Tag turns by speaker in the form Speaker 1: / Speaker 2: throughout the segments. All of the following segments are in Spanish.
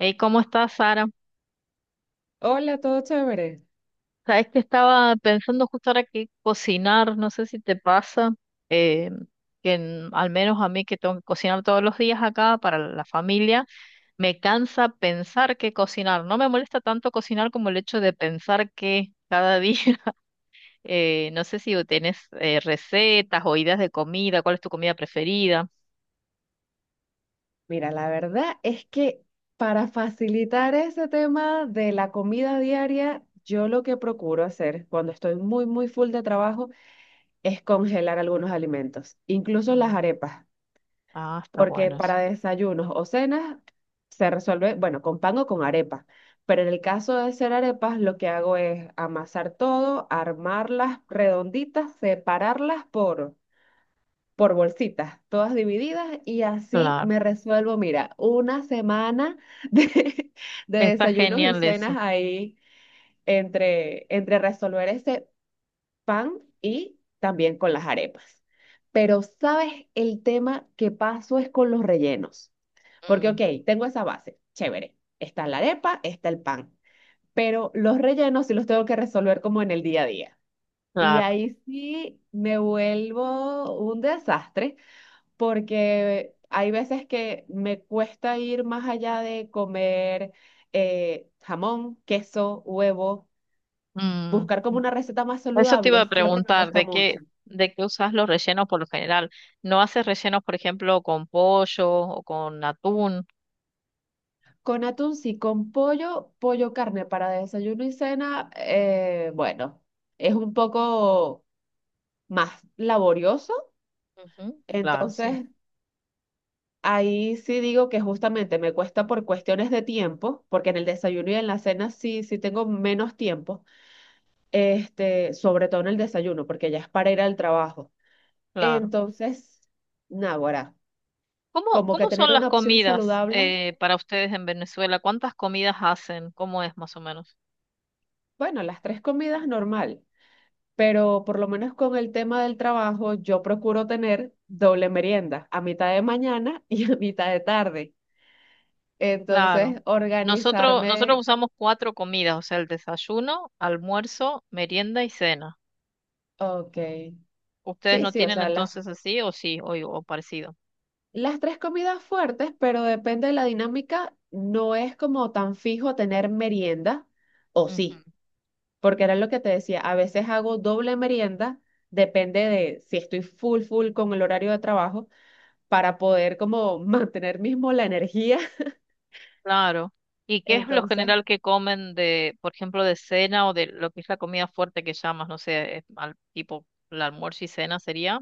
Speaker 1: Hey, ¿cómo estás, Sara?
Speaker 2: Hola, todo chévere.
Speaker 1: Sabes que estaba pensando justo ahora que cocinar, no sé si te pasa, eh, que al menos a mí que tengo que cocinar todos los días acá para la familia, me cansa pensar que cocinar. No me molesta tanto cocinar como el hecho de pensar que cada día, no sé si tenés recetas o ideas de comida, cuál es tu comida preferida.
Speaker 2: Mira, la verdad es que para facilitar ese tema de la comida diaria, yo lo que procuro hacer cuando estoy muy, muy full de trabajo es congelar algunos alimentos, incluso las
Speaker 1: Mm.
Speaker 2: arepas,
Speaker 1: Ah, está
Speaker 2: porque
Speaker 1: bueno eso.
Speaker 2: para desayunos o cenas se resuelve, bueno, con pan o con arepa. Pero en el caso de hacer arepas, lo que hago es amasar todo, armarlas redonditas, separarlas por bolsitas, todas divididas y así
Speaker 1: Claro,
Speaker 2: me resuelvo, mira, una semana de, de
Speaker 1: está
Speaker 2: desayunos y
Speaker 1: genial
Speaker 2: cenas
Speaker 1: eso.
Speaker 2: ahí entre resolver ese pan y también con las arepas. Pero sabes, el tema que paso es con los rellenos, porque
Speaker 1: Mm.
Speaker 2: ok, tengo esa base, chévere, está la arepa, está el pan, pero los rellenos sí los tengo que resolver como en el día a día. Y
Speaker 1: Claro.
Speaker 2: ahí sí me vuelvo un desastre porque hay veces que me cuesta ir más allá de comer jamón, queso, huevo,
Speaker 1: Mm.
Speaker 2: buscar como una receta más
Speaker 1: Eso te iba
Speaker 2: saludable,
Speaker 1: a
Speaker 2: siempre me
Speaker 1: preguntar,
Speaker 2: cuesta mucho.
Speaker 1: de qué usas los rellenos por lo general? ¿No haces rellenos, por ejemplo, con pollo o con atún?
Speaker 2: Con atún sí, con pollo, pollo carne para desayuno y cena, bueno, es un poco más laborioso,
Speaker 1: Ujú, claro, sí,
Speaker 2: entonces... Ahí sí digo que justamente me cuesta por cuestiones de tiempo, porque en el desayuno y en la cena sí, sí tengo menos tiempo, este, sobre todo en el desayuno, porque ya es para ir al trabajo.
Speaker 1: claro.
Speaker 2: Entonces, naguará,
Speaker 1: ¿Cómo,
Speaker 2: como que
Speaker 1: cómo son
Speaker 2: tener
Speaker 1: las
Speaker 2: una opción
Speaker 1: comidas
Speaker 2: saludable,
Speaker 1: para ustedes en Venezuela? ¿Cuántas comidas hacen? ¿Cómo es más o menos?
Speaker 2: bueno, las tres comidas normal, pero por lo menos con el tema del trabajo, yo procuro tener doble merienda, a mitad de mañana y a mitad de tarde.
Speaker 1: Claro.
Speaker 2: Entonces,
Speaker 1: Nosotros
Speaker 2: organizarme,
Speaker 1: usamos cuatro comidas, o sea, el desayuno, almuerzo, merienda y cena.
Speaker 2: ok,
Speaker 1: ¿Ustedes
Speaker 2: sí,
Speaker 1: no
Speaker 2: sí, o
Speaker 1: tienen
Speaker 2: sea,
Speaker 1: entonces así o sí, o parecido?
Speaker 2: las tres comidas fuertes, pero depende de la dinámica, no es como tan fijo tener merienda, o sí. Porque era lo que te decía, a veces hago doble merienda, depende de si estoy full, full con el horario de trabajo, para poder como mantener mismo la energía.
Speaker 1: Claro. ¿Y qué es lo
Speaker 2: Entonces,
Speaker 1: general que comen de, por ejemplo, de cena o de lo que es la comida fuerte que llamas? No sé, tipo el almuerzo y cena sería,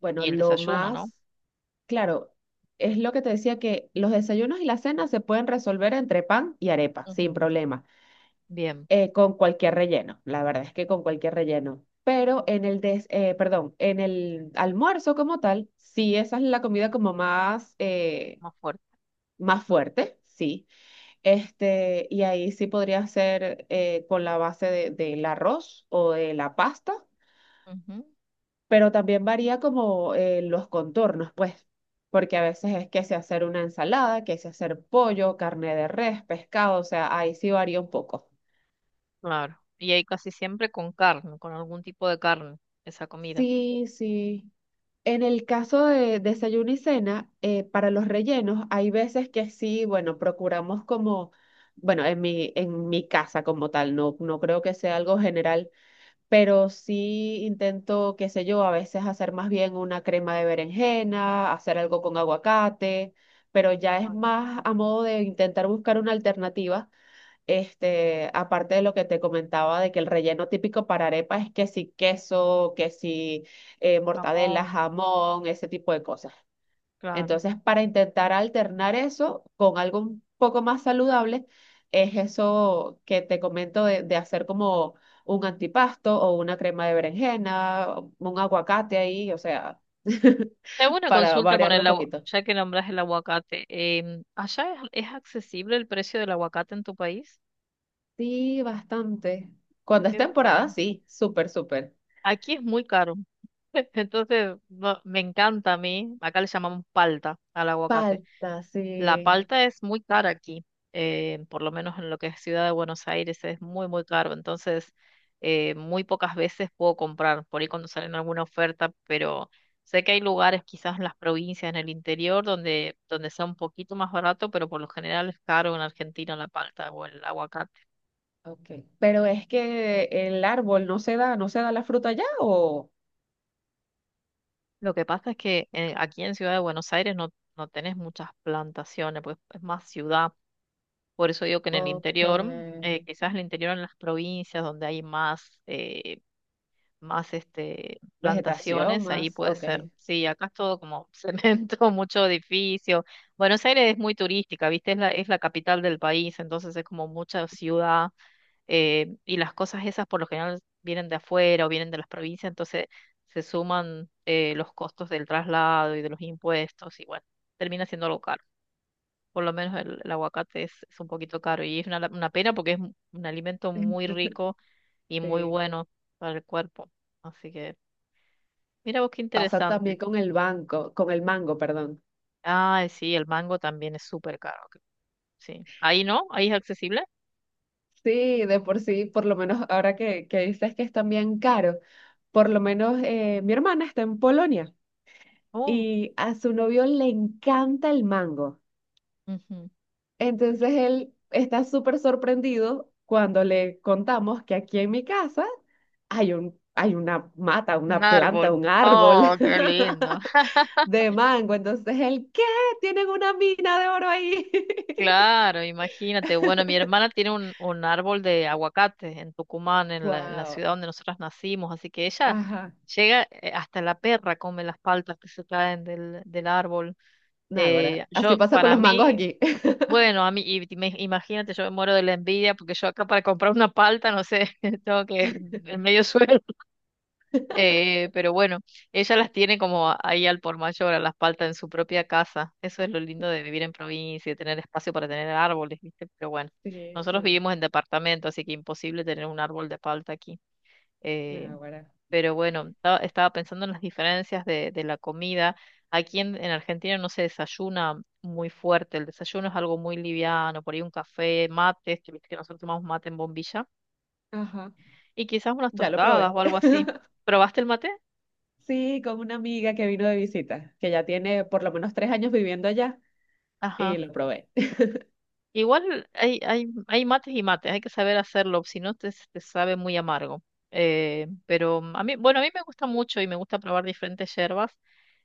Speaker 2: bueno,
Speaker 1: y el
Speaker 2: lo
Speaker 1: desayuno, ¿no?
Speaker 2: más, claro, es lo que te decía que los desayunos y la cena se pueden resolver entre pan y arepa, sin
Speaker 1: Ujú.
Speaker 2: problema,
Speaker 1: Bien,
Speaker 2: con cualquier relleno, la verdad es que con cualquier relleno. Pero en el des, perdón, en el almuerzo como tal, sí, esa es la comida como más,
Speaker 1: más fuerte.
Speaker 2: más
Speaker 1: Mm.
Speaker 2: fuerte, sí. Este, y ahí sí podría ser con la base de- del arroz o de la pasta,
Speaker 1: Ujú.
Speaker 2: pero también varía como los contornos, pues, porque a veces es que se hacer una ensalada, que se hacer pollo, carne de res, pescado, o sea, ahí sí varía un poco.
Speaker 1: Claro. Y ahí casi siempre con carne, con algún tipo de carne, esa comida.
Speaker 2: Sí, sí. En el caso de desayuno y cena, para los rellenos, hay veces que sí, bueno, procuramos como, bueno, en mi casa como tal, no, no creo que sea algo general pero sí intento, qué sé yo, a veces hacer más bien una crema de berenjena, hacer algo con aguacate, pero ya es
Speaker 1: Ah, el
Speaker 2: más a modo de intentar buscar una alternativa. Este, aparte de lo que te comentaba de que el relleno típico para arepa es que si queso, que si mortadela,
Speaker 1: Jamón.
Speaker 2: jamón, ese tipo de cosas.
Speaker 1: Claro.
Speaker 2: Entonces, para intentar alternar eso con algo un poco más saludable, es eso que te comento de hacer como un antipasto o una crema de berenjena, un aguacate ahí, o sea,
Speaker 1: Tengo una
Speaker 2: para
Speaker 1: consulta con
Speaker 2: variarlo un
Speaker 1: el agua,
Speaker 2: poquito.
Speaker 1: ya que nombras el aguacate. ¿Allá es accesible el precio del aguacate en tu país?
Speaker 2: Sí, bastante. Cuando es
Speaker 1: Qué
Speaker 2: temporada,
Speaker 1: bueno.
Speaker 2: sí, súper, súper.
Speaker 1: Aquí es muy caro. Entonces, me encanta a mí, acá le llamamos palta al aguacate.
Speaker 2: Falta,
Speaker 1: La
Speaker 2: sí.
Speaker 1: palta es muy cara aquí, por lo menos en lo que es Ciudad de Buenos Aires es muy, muy caro, entonces muy pocas veces puedo comprar, por ahí cuando salen alguna oferta, pero sé que hay lugares quizás en las provincias, en el interior, donde, donde sea un poquito más barato, pero por lo general es caro en Argentina la palta o el aguacate.
Speaker 2: Ok. Pero es que el árbol no se da, no se da la fruta ya o...
Speaker 1: Lo que pasa es que aquí en Ciudad de Buenos Aires no tenés muchas plantaciones, pues es más ciudad. Por eso digo que en el
Speaker 2: Ok.
Speaker 1: interior, quizás el interior en las provincias donde hay más,
Speaker 2: Vegetación
Speaker 1: plantaciones, ahí
Speaker 2: más,
Speaker 1: puede
Speaker 2: ok.
Speaker 1: ser. Sí, acá es todo como cemento, mucho edificio. Buenos Aires es muy turística, ¿viste? Es la capital del país, entonces es como mucha ciudad y las cosas esas por lo general vienen de afuera o vienen de las provincias, entonces se suman los costos del traslado y de los impuestos y bueno, termina siendo local por lo menos el aguacate es un poquito caro y es una, una pena porque es un alimento muy rico y muy
Speaker 2: Sí.
Speaker 1: bueno para el cuerpo. Así que, mira vos qué
Speaker 2: Pasa
Speaker 1: interesante.
Speaker 2: también con el banco, con el mango, perdón.
Speaker 1: Ah sí, el mango también es súper caro. Sí. Ahí no, ahí es accesible.
Speaker 2: Sí, de por sí, por lo menos ahora que dices que es también caro, por lo menos mi hermana está en Polonia
Speaker 1: Oh.
Speaker 2: y a su novio le encanta el mango.
Speaker 1: Ujú.
Speaker 2: Entonces él está súper sorprendido cuando le contamos que aquí en mi casa hay un, hay una mata,
Speaker 1: Un
Speaker 2: una planta,
Speaker 1: árbol.
Speaker 2: un árbol
Speaker 1: Oh, qué lindo.
Speaker 2: de mango. Entonces él, ¿qué? Tienen una mina de oro ahí.
Speaker 1: Claro, imagínate. Bueno, mi hermana tiene un árbol de aguacate en Tucumán, en la
Speaker 2: Wow.
Speaker 1: ciudad donde nosotras nacimos, así que ella llega, hasta la perra come las paltas que se caen del, del árbol.
Speaker 2: Náguara. Así
Speaker 1: Yo,
Speaker 2: pasa con
Speaker 1: para
Speaker 2: los mangos
Speaker 1: mí,
Speaker 2: aquí.
Speaker 1: bueno, a mí, imagínate, yo me muero de la envidia porque yo acá para comprar una palta, no sé, tengo que en medio suelo pero bueno, ella las tiene como ahí al por mayor, a las paltas en su propia casa. Eso es lo lindo de vivir en provincia y tener espacio para tener árboles, ¿viste? Pero bueno,
Speaker 2: Sí,
Speaker 1: nosotros
Speaker 2: sí.
Speaker 1: vivimos en departamento, así que imposible tener un árbol de palta aquí. Eh,
Speaker 2: Náguara.
Speaker 1: pero bueno, estaba pensando en las diferencias de la comida. Aquí en Argentina no se desayuna muy fuerte, el desayuno es algo muy liviano, por ahí un café, mates, que viste que nosotros tomamos mate en bombilla,
Speaker 2: Ajá.
Speaker 1: y quizás unas
Speaker 2: Ya lo
Speaker 1: tostadas
Speaker 2: probé.
Speaker 1: o algo así. ¿Probaste el mate?
Speaker 2: Sí, con una amiga que vino de visita, que ya tiene por lo menos 3 años viviendo allá, y
Speaker 1: Ajá.
Speaker 2: lo probé.
Speaker 1: Igual hay, hay mates y mates, hay que saber hacerlo, si no te, te sabe muy amargo. Pero a mí, bueno, a mí me gusta mucho y me gusta probar diferentes hierbas.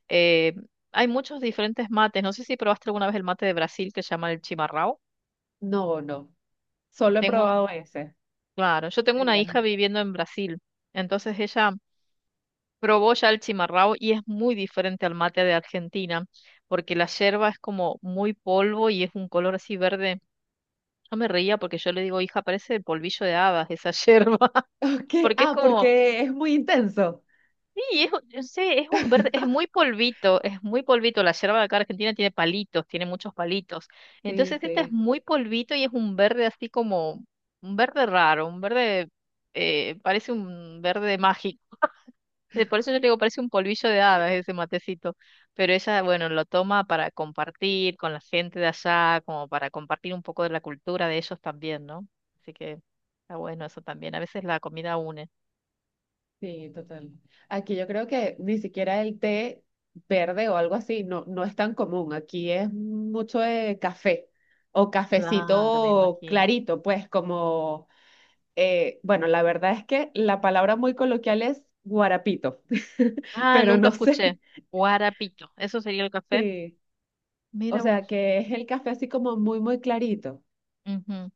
Speaker 1: Eh, Hay muchos diferentes mates. No sé si probaste alguna vez el mate de Brasil que se llama el chimarrão.
Speaker 2: No, no. Solo he
Speaker 1: Tengo,
Speaker 2: probado ese.
Speaker 1: claro, yo tengo
Speaker 2: El
Speaker 1: una
Speaker 2: de-
Speaker 1: hija viviendo en Brasil, entonces ella probó ya el chimarrão y es muy diferente al mate de Argentina, porque la yerba es como muy polvo y es un color así verde. Yo me reía porque yo le digo, hija, parece el polvillo de hadas esa yerba.
Speaker 2: Ok.
Speaker 1: Porque es
Speaker 2: Ah,
Speaker 1: como,
Speaker 2: porque es muy intenso.
Speaker 1: sí, es, yo sé, es un verde, es muy polvito, es muy polvito. La yerba de acá argentina tiene palitos, tiene muchos palitos.
Speaker 2: Sí,
Speaker 1: Entonces esta es
Speaker 2: sí.
Speaker 1: muy polvito y es un verde así como, un verde raro, parece un verde mágico. Por eso yo le digo, parece un polvillo de hadas ese matecito. Pero ella, bueno, lo toma para compartir con la gente de allá, como para compartir un poco de la cultura de ellos también, ¿no? Así que está bueno eso también. A veces la comida une.
Speaker 2: Sí, total. Aquí yo creo que ni siquiera el té verde o algo así no, no es tan común. Aquí es mucho de café o
Speaker 1: Claro, me
Speaker 2: cafecito
Speaker 1: imagino.
Speaker 2: clarito, pues como, bueno, la verdad es que la palabra muy coloquial es guarapito,
Speaker 1: Ah,
Speaker 2: pero
Speaker 1: nunca
Speaker 2: no sé.
Speaker 1: escuché. Guarapito, eso sería el café.
Speaker 2: Sí, o
Speaker 1: Mira
Speaker 2: sea
Speaker 1: vos.
Speaker 2: que es el café así como muy, muy clarito.
Speaker 1: Ujú.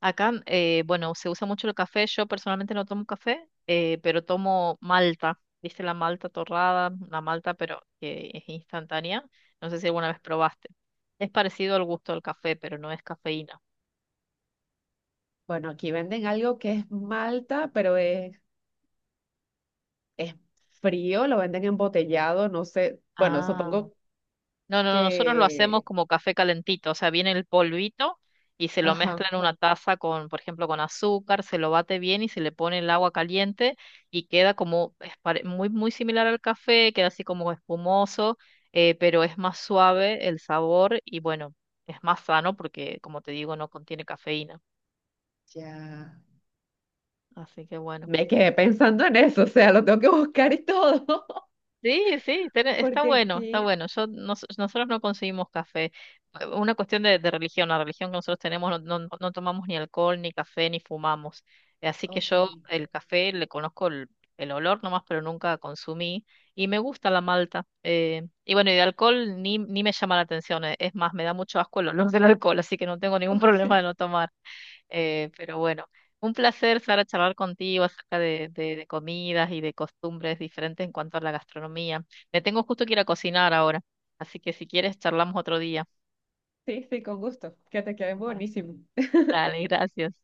Speaker 1: Acá, bueno, se usa mucho el café. Yo personalmente no tomo café, pero tomo malta. ¿Viste la malta torrada? La malta, pero que es instantánea. No sé si alguna vez probaste. Es parecido al gusto del café, pero no es cafeína.
Speaker 2: Bueno, aquí venden algo que es malta, pero es frío, lo venden embotellado, no sé. Bueno,
Speaker 1: Ah.
Speaker 2: supongo
Speaker 1: No, no, no, nosotros lo hacemos
Speaker 2: que...
Speaker 1: como café calentito, o sea, viene el polvito y se lo mezcla
Speaker 2: Ajá.
Speaker 1: en una taza con, por ejemplo, con azúcar, se lo bate bien y se le pone el agua caliente y queda como es muy, muy similar al café, queda así como espumoso, pero es más suave el sabor y bueno, es más sano porque, como te digo, no contiene cafeína.
Speaker 2: Ya.
Speaker 1: Así que bueno.
Speaker 2: Me quedé pensando en eso, o sea, lo tengo que buscar y todo,
Speaker 1: Sí, sí, está
Speaker 2: porque
Speaker 1: bueno, está
Speaker 2: aquí,
Speaker 1: bueno. Yo, nosotros no conseguimos café. Una cuestión de religión, la religión que nosotros tenemos, no tomamos ni alcohol, ni café, ni fumamos. Así que
Speaker 2: ok.
Speaker 1: yo el café le conozco el olor nomás, pero nunca consumí. Y me gusta la malta. Y bueno, y de alcohol ni me llama la atención. Es más, me da mucho asco el olor del alcohol, así que no tengo ningún problema de
Speaker 2: Ok,
Speaker 1: no tomar. Pero bueno, un placer, Sara, charlar contigo acerca de, de comidas y de costumbres diferentes en cuanto a la gastronomía. Me tengo justo que ir a cocinar ahora, así que si quieres, charlamos otro día.
Speaker 2: sí, sí, con gusto, que te quede
Speaker 1: Bueno,
Speaker 2: buenísimo.
Speaker 1: dale, gracias.